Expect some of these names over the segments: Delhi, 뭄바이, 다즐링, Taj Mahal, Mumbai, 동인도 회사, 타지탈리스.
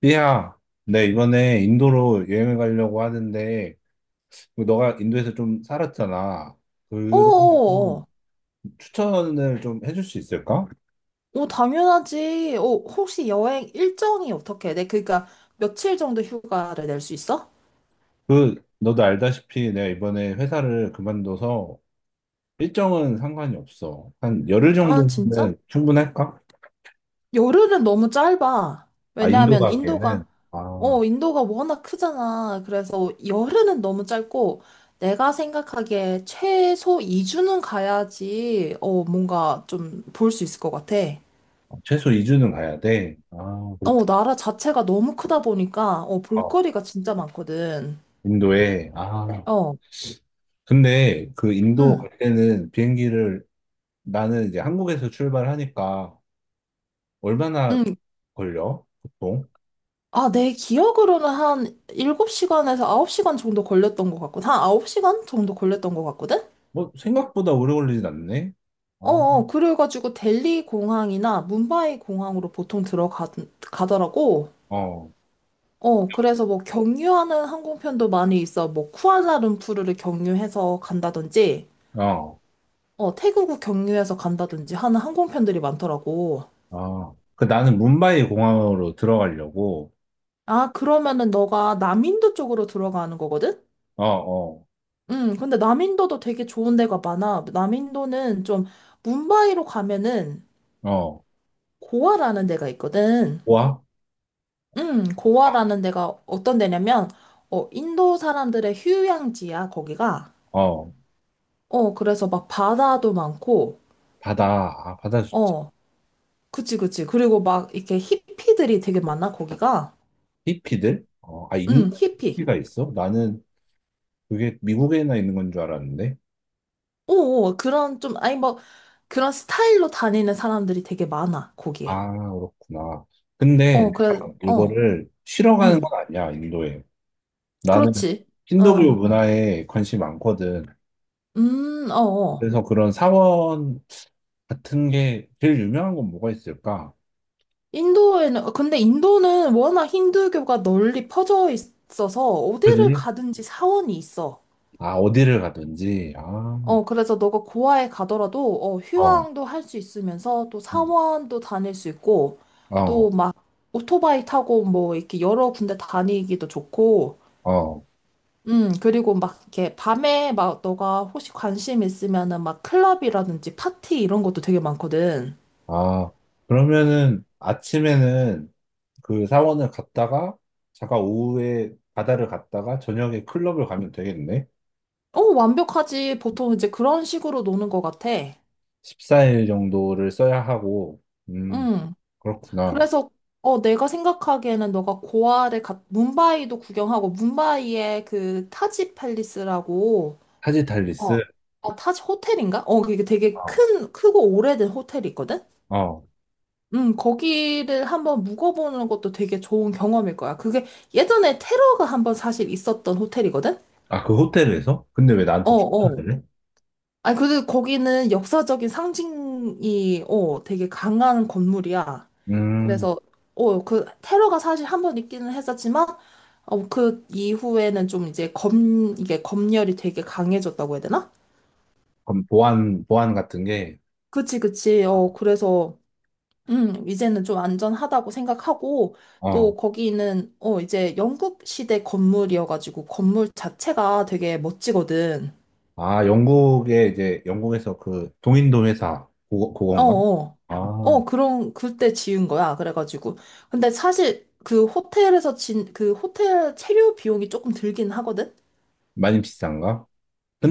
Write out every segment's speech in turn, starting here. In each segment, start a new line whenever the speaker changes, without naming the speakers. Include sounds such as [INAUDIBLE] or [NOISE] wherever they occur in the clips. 삐야, 내 이번에 인도로 여행을 가려고 하는데, 너가 인도에서 좀 살았잖아. 그래서
어어어. 어,
좀
어.
추천을 좀 해줄 수 있을까?
어, 당연하지. 혹시 여행 일정이 어떻게 돼? 그러니까 며칠 정도 휴가를 낼 수 있어?
그, 너도 알다시피 내가 이번에 회사를 그만둬서 일정은 상관이 없어. 한 열흘
아, 진짜?
정도면 충분할까?
열흘은 너무 짧아.
아, 인도
왜냐하면
가기에는?
인도가,
아,
어, 인도가 워낙 크잖아. 그래서 열흘은 너무 짧고, 내가 생각하기에 최소 2주는 가야지, 뭔가 좀 볼 수 있을 것 같아.
최소 2주는 가야 돼. 아, 그렇구나.
나라 자체가 너무 크다 보니까,
어,
볼거리가 진짜 많거든.
인도에. 아,
어,
근데 그 인도
응.
갈 때는 비행기를 나는 이제 한국에서 출발하니까 얼마나
응,
걸려? 보통?
아, 내 기억으로는 한 7시간에서 9시간 정도 걸렸던 것 같고, 한 9시간 정도 걸렸던 것 같거든?
뭐, 생각보다 오래 걸리진 않네? 아,
그래가지고 델리 공항이나 뭄바이 공항으로 보통 가더라고.
어,
그래서 뭐 경유하는 항공편도 많이 있어. 뭐 쿠알라룸푸르를 경유해서 간다든지,
어,
태국을 경유해서 간다든지 하는 항공편들이 많더라고.
아. 그 나는 뭄바이 공항으로 들어가려고,
아, 그러면은 너가 남인도 쪽으로 들어가는 거거든?
어, 어,
근데 남인도도 되게 좋은 데가 많아. 남인도는 좀 뭄바이로 가면은
어.
고아라는 데가 있거든.
뭐아
고아라는 데가 어떤 데냐면 인도 사람들의 휴양지야, 거기가.
어,
그래서 막 바다도 많고.
바다, 아, 바다 좋지.
어, 그치, 그치. 그리고 막 이렇게 히피들이 되게 많아, 거기가.
히피들? 어, 아, 인도에
히피.
히피가 있어? 나는 그게 미국에나 있는 건 줄 알았는데.
오, 오, 그런 좀 아니 뭐 그런 스타일로 다니는 사람들이 되게 많아, 거기에.
아, 그렇구나. 근데
어, 그래.
내가
어.
이거를 쉬러 가는
음.
건 아니야, 인도에. 나는
그렇지.
힌두교
어.
문화에 관심이 많거든.
어어.
그래서 그런 사원 같은 게 제일 유명한 건 뭐가 있을까?
인도에는, 근데 인도는 워낙 힌두교가 널리 퍼져 있어서 어디를
그지?
가든지 사원이 있어.
아, 어디를 가든지. 아,
그래서 너가 고아에 가더라도,
어,
휴양도 할 수 있으면서 또
음,
사원도 다닐 수 있고, 또
어,
막 오토바이 타고 뭐 이렇게 여러 군데 다니기도 좋고,
어.
그리고 막 이렇게 밤에 막 너가 혹시 관심 있으면은 막 클럽이라든지 파티 이런 것도 되게 많거든.
아, 그러면은 아침에는 그 사원을 갔다가, 잠깐 오후에 바다를 갔다가, 저녁에 클럽을 가면 되겠네?
어, 완벽하지. 보통 이제 그런 식으로 노는 것 같아.
14일 정도를 써야 하고, 음,
응.
그렇구나.
그래서 내가 생각하기에는 너가 고아를 갔 문바이도 구경하고 문바이의 그 타지 팰리스라고. 어.
타지탈리스?
아, 타지 호텔인가? 이게 되게
어,
큰 크고 오래된 호텔이 있거든.
어.
거기를 한번 묵어보는 것도 되게 좋은 경험일 거야. 그게 예전에 테러가 한번 사실 있었던 호텔이거든?
아, 그 호텔에서? 근데 왜
어,
나한테
어.
주문을 해?
아니, 그래도 거기는 역사적인 상징이, 되게 강한 건물이야.
음,
그래서, 그, 테러가 사실 한 번 있기는 했었지만, 그 이후에는 좀 이제 이게 검열이 되게 강해졌다고 해야 되나?
그럼 보안 같은 게,
그치, 그치.
아,
그래서, 이제는 좀 안전하다고 생각하고,
어,
또 거기는, 이제 영국 시대 건물이어가지고, 건물 자체가 되게 멋지거든.
아, 영국에 이제, 영국에서 그 동인도 회사, 그거,
어,
그건가?
어.
아,
어, 그런, 그때 지은 거야. 그래가지고. 근데 사실 그 호텔에서 그 호텔 체류 비용이 조금 들긴 하거든?
많이 비싼가?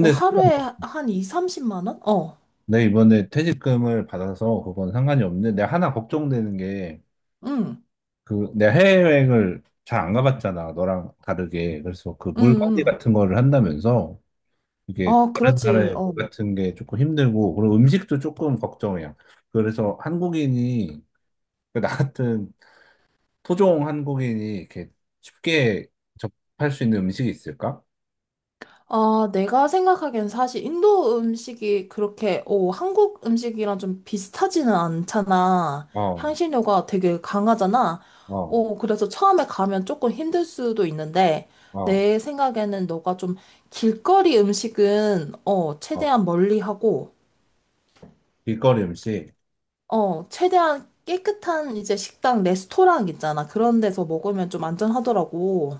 상관-
하루에 한 2, 30만 원? 어.
내가 이번에 퇴직금을 받아서 그건 상관이 없는데, 내가 하나 걱정되는 게,
응,
그, 내가 해외여행을 잘 안 가봤잖아, 너랑 다르게. 그래서 그
응,
물갈이
응.
같은 거를 한다면서, 이게
어,
다른
그렇지.
나라의
어.
물 같은 게 조금 힘들고, 그리고 음식도 조금 걱정이야. 그래서 한국인이, 나 같은 토종 한국인이 이렇게 쉽게 접할 수 있는 음식이 있을까?
아, 내가 생각하기엔 사실 인도 음식이 그렇게, 한국 음식이랑 좀 비슷하지는 않잖아.
어,
향신료가 되게 강하잖아.
어,
그래서 처음에 가면 조금 힘들 수도 있는데,
어,
내 생각에는 너가 좀 길거리 음식은,
어.
최대한 멀리 하고,
길거리 음식,
최대한 깨끗한 이제 식당, 레스토랑 있잖아. 그런 데서 먹으면 좀 안전하더라고.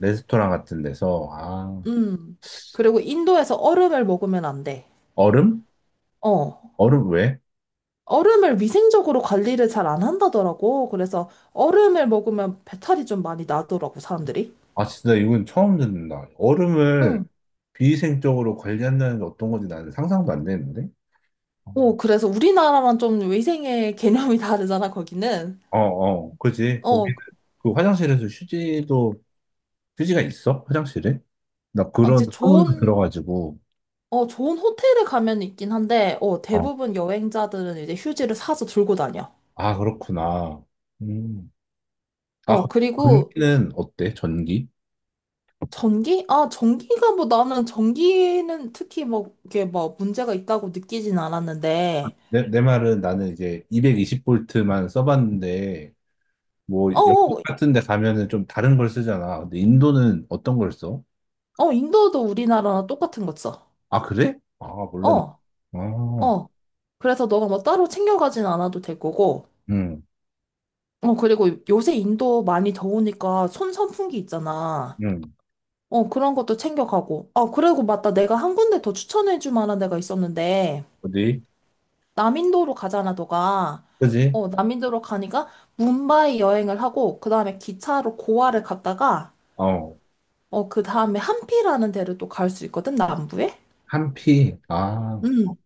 레스토랑 같은 데서, 아,
음. 그리고 인도에서 얼음을 먹으면 안 돼.
얼음?
어.
얼음 왜?
얼음을 위생적으로 관리를 잘 안 한다더라고. 그래서 얼음을 먹으면 배탈이 좀 많이 나더라고, 사람들이.
아, 진짜 이건 처음 듣는다. 얼음을
응.
비위생적으로 관리한다는 게 어떤 건지 나는 상상도 안 되는데?
그래서 우리나라랑 좀 위생의 [LAUGHS] 개념이 다르잖아, 거기는.
어, 어, 그지. 거기,
어,
그 화장실에서 휴지도, 휴지가 있어? 화장실에? 나 그런
이제
소문도
좋은,
들어가지고,
어, 좋은 호텔에 가면 있긴 한데,
어,
대부분 여행자들은 이제 휴지를 사서 들고 다녀.
아, 그렇구나. 음. 아, 거기
그리고
전기는 어때? 전기?
전기? 아, 전기가 뭐 나는 전기는 특히 뭐 이게 뭐 문제가 있다고 느끼진 않았는데,
내 말은 나는 이제 220볼트만 써봤는데, 뭐,
어,
영국
어,
같은 데 가면은 좀 다른 걸 쓰잖아. 근데 인도는 어떤 걸 써?
인도도 우리나라랑 똑같은 거 써.
아, 그래? 아, 몰랐네.
어.
아,
어, 그래서 너가 뭐 따로 챙겨가진 않아도 될 거고,
응,
그리고 요새 인도 많이 더우니까 손 선풍기 있잖아.
응.
그런 것도 챙겨가고. 그리고 맞다. 내가 한 군데 더 추천해줄 만한 데가 있었는데,
어디?
남인도로 가잖아, 너가.
그지?
남인도로 가니까 뭄바이 여행을 하고, 그 다음에 기차로 고아를 갔다가,
어,
그 다음에 함피라는 데를 또 갈 수 있거든, 남부에?
한피. 아,
음.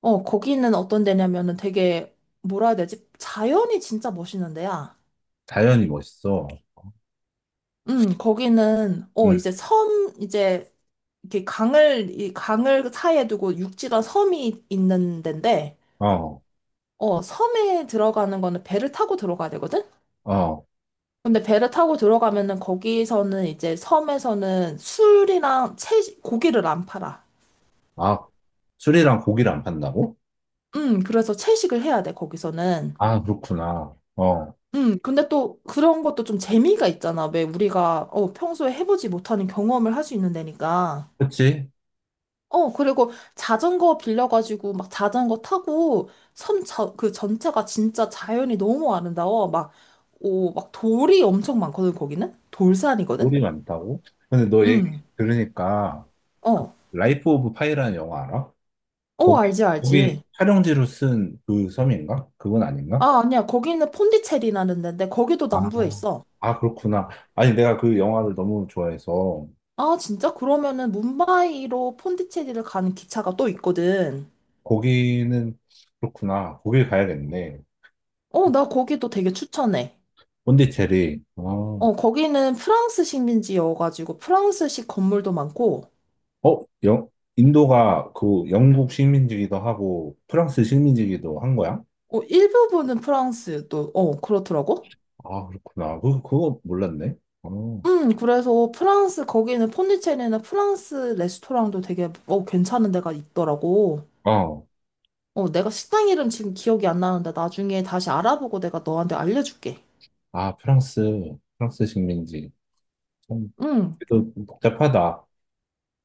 거기는 어떤 데냐면은 되게, 뭐라 해야 되지? 자연이 진짜 멋있는 데야.
자연이 멋있어.
거기는,
응,
이제 섬, 이제, 이렇게 강을, 이 강을 사이에 두고 육지가 섬이 있는 데인데,
어,
섬에 들어가는 거는 배를 타고 들어가야 되거든?
어.
근데 배를 타고 들어가면은 거기서는 이제 섬에서는 술이랑 채식, 고기를 안 팔아.
아, 술이랑 고기를 안 판다고?
그래서 채식을 해야 돼, 거기서는.
아, 그렇구나. 어,
근데 또 그런 것도 좀 재미가 있잖아. 왜 우리가, 평소에 해보지 못하는 경험을 할 수 있는 데니까.
그치?
그리고 자전거 빌려가지고 막 자전거 타고 섬, 그 전체가 진짜 자연이 너무 아름다워. 막, 막 돌이 엄청 많거든, 거기는? 돌산이거든?
볼이 많다고? 근데 너 얘기
응,
들으니까 그
어.
라이프 오브 파이라는 영화 알아?
어,
거기
알지,
거기
알지.
촬영지로 쓴 그 섬인가? 그건 아닌가?
아, 아니야. 거기는 폰디체리라는 데인데, 거기도
아,
남부에 있어.
아 그렇구나. 아니 내가 그 영화를 너무 좋아해서
아, 진짜? 그러면은 뭄바이로 폰디체리를 가는 기차가 또 있거든.
거기는 그렇구나. 거길 가야겠네.
나 거기도 되게 추천해.
본디체리 아, 어,
거기는 프랑스 식민지여가지고 프랑스식 건물도 많고,
영, 인도가 그 영국 식민지기도 하고 프랑스 식민지기도 한 거야?
일부분은 프랑스 또, 그렇더라고.
아, 그렇구나. 그, 그거 몰랐네. 어,
그래서 프랑스, 거기는 폰디체리는 프랑스 레스토랑도 되게, 괜찮은 데가 있더라고.
어.
내가 식당 이름 지금 기억이 안 나는데 나중에 다시 알아보고 내가 너한테 알려줄게.
아, 프랑스 식민지. 좀
응.
그래도 좀 복잡하다.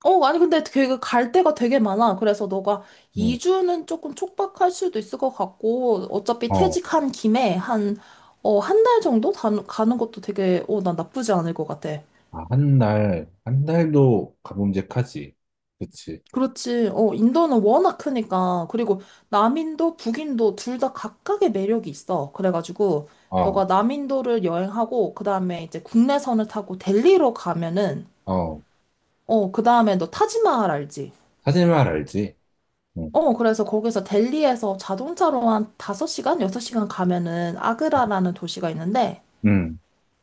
아니, 근데 되게 갈 데가 되게 많아. 그래서 너가
응.
2주는 조금 촉박할 수도 있을 것 같고, 어차피
어.
퇴직한 김에 한, 한 달 정도 가는 것도 되게, 난 나쁘지 않을 것 같아.
아, 한 달, 한 달도 가뭄직하지. 그치.
그렇지. 인도는 워낙 크니까. 그리고 남인도 북인도 둘 다 각각의 매력이 있어. 그래가지고
어,
너가 남인도를 여행하고 그다음에 이제 국내선을 타고 델리로 가면은
어.
그다음에 너 타지마할 알지?
사진만 알지. 응.
그래서 거기서 델리에서 자동차로 한 5시간, 6시간 가면은 아그라라는 도시가 있는데
응.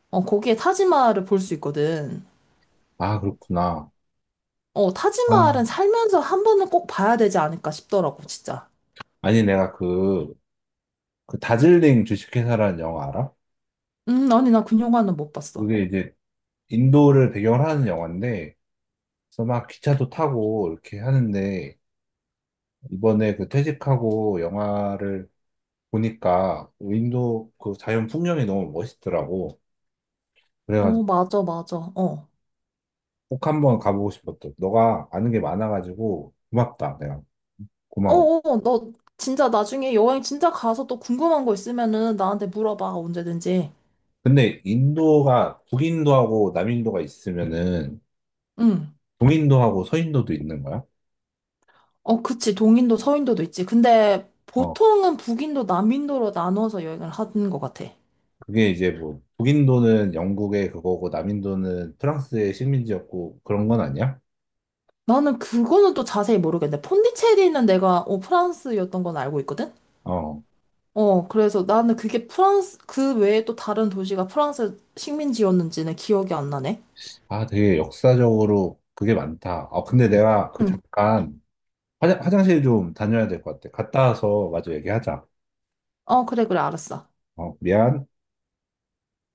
거기에 타지마할을 볼 수 있거든.
아, 그렇구나. 아,
타지마할은 살면서 한 번은 꼭 봐야 되지 않을까 싶더라고, 진짜.
아니, 내가 그, 그 다즐링 주식회사라는 영화 알아?
아니 나 그 영화는 못 봤어.
그게 이제 인도를 배경으로 하는 영화인데, 그래서 막 기차도 타고 이렇게 하는데, 이번에 그 퇴직하고 영화를 보니까 인도 그 자연 풍경이 너무 멋있더라고. 고그래
어,
가지
맞아, 맞아. 어.
꼭 한번 가보고 싶었어. 너가 아는 게 많아가지고 고맙다, 내가.
어,
고마워.
너 진짜 나중에 여행 진짜 가서 또 궁금한 거 있으면은 나한테 물어봐, 언제든지.
근데 인도가 북인도하고 남인도가 있으면은
응.
동인도하고 서인도도 있는 거야?
어, 그치. 동인도 서인도도 있지. 근데
어,
보통은 북인도 남인도로 나눠서 여행을 하는 것 같아.
그게 이제 뭐 북인도는 영국의 그거고 남인도는 프랑스의 식민지였고 그런 건 아니야?
나는 그거는 또 자세히 모르겠는데, 폰디체리는 내가 프랑스였던 건 알고 있거든?
어,
그래서 나는 그게 프랑스, 그 외에 또 다른 도시가 프랑스 식민지였는지는 기억이 안 나네.
아 되게 역사적으로 그게 많다. 아 근데 내가 그
응.
잠깐 화장실 좀 다녀야 될 것 같아. 갔다 와서 마저 얘기하자.
어, 그래, 그래, 알았어.
어, 미안.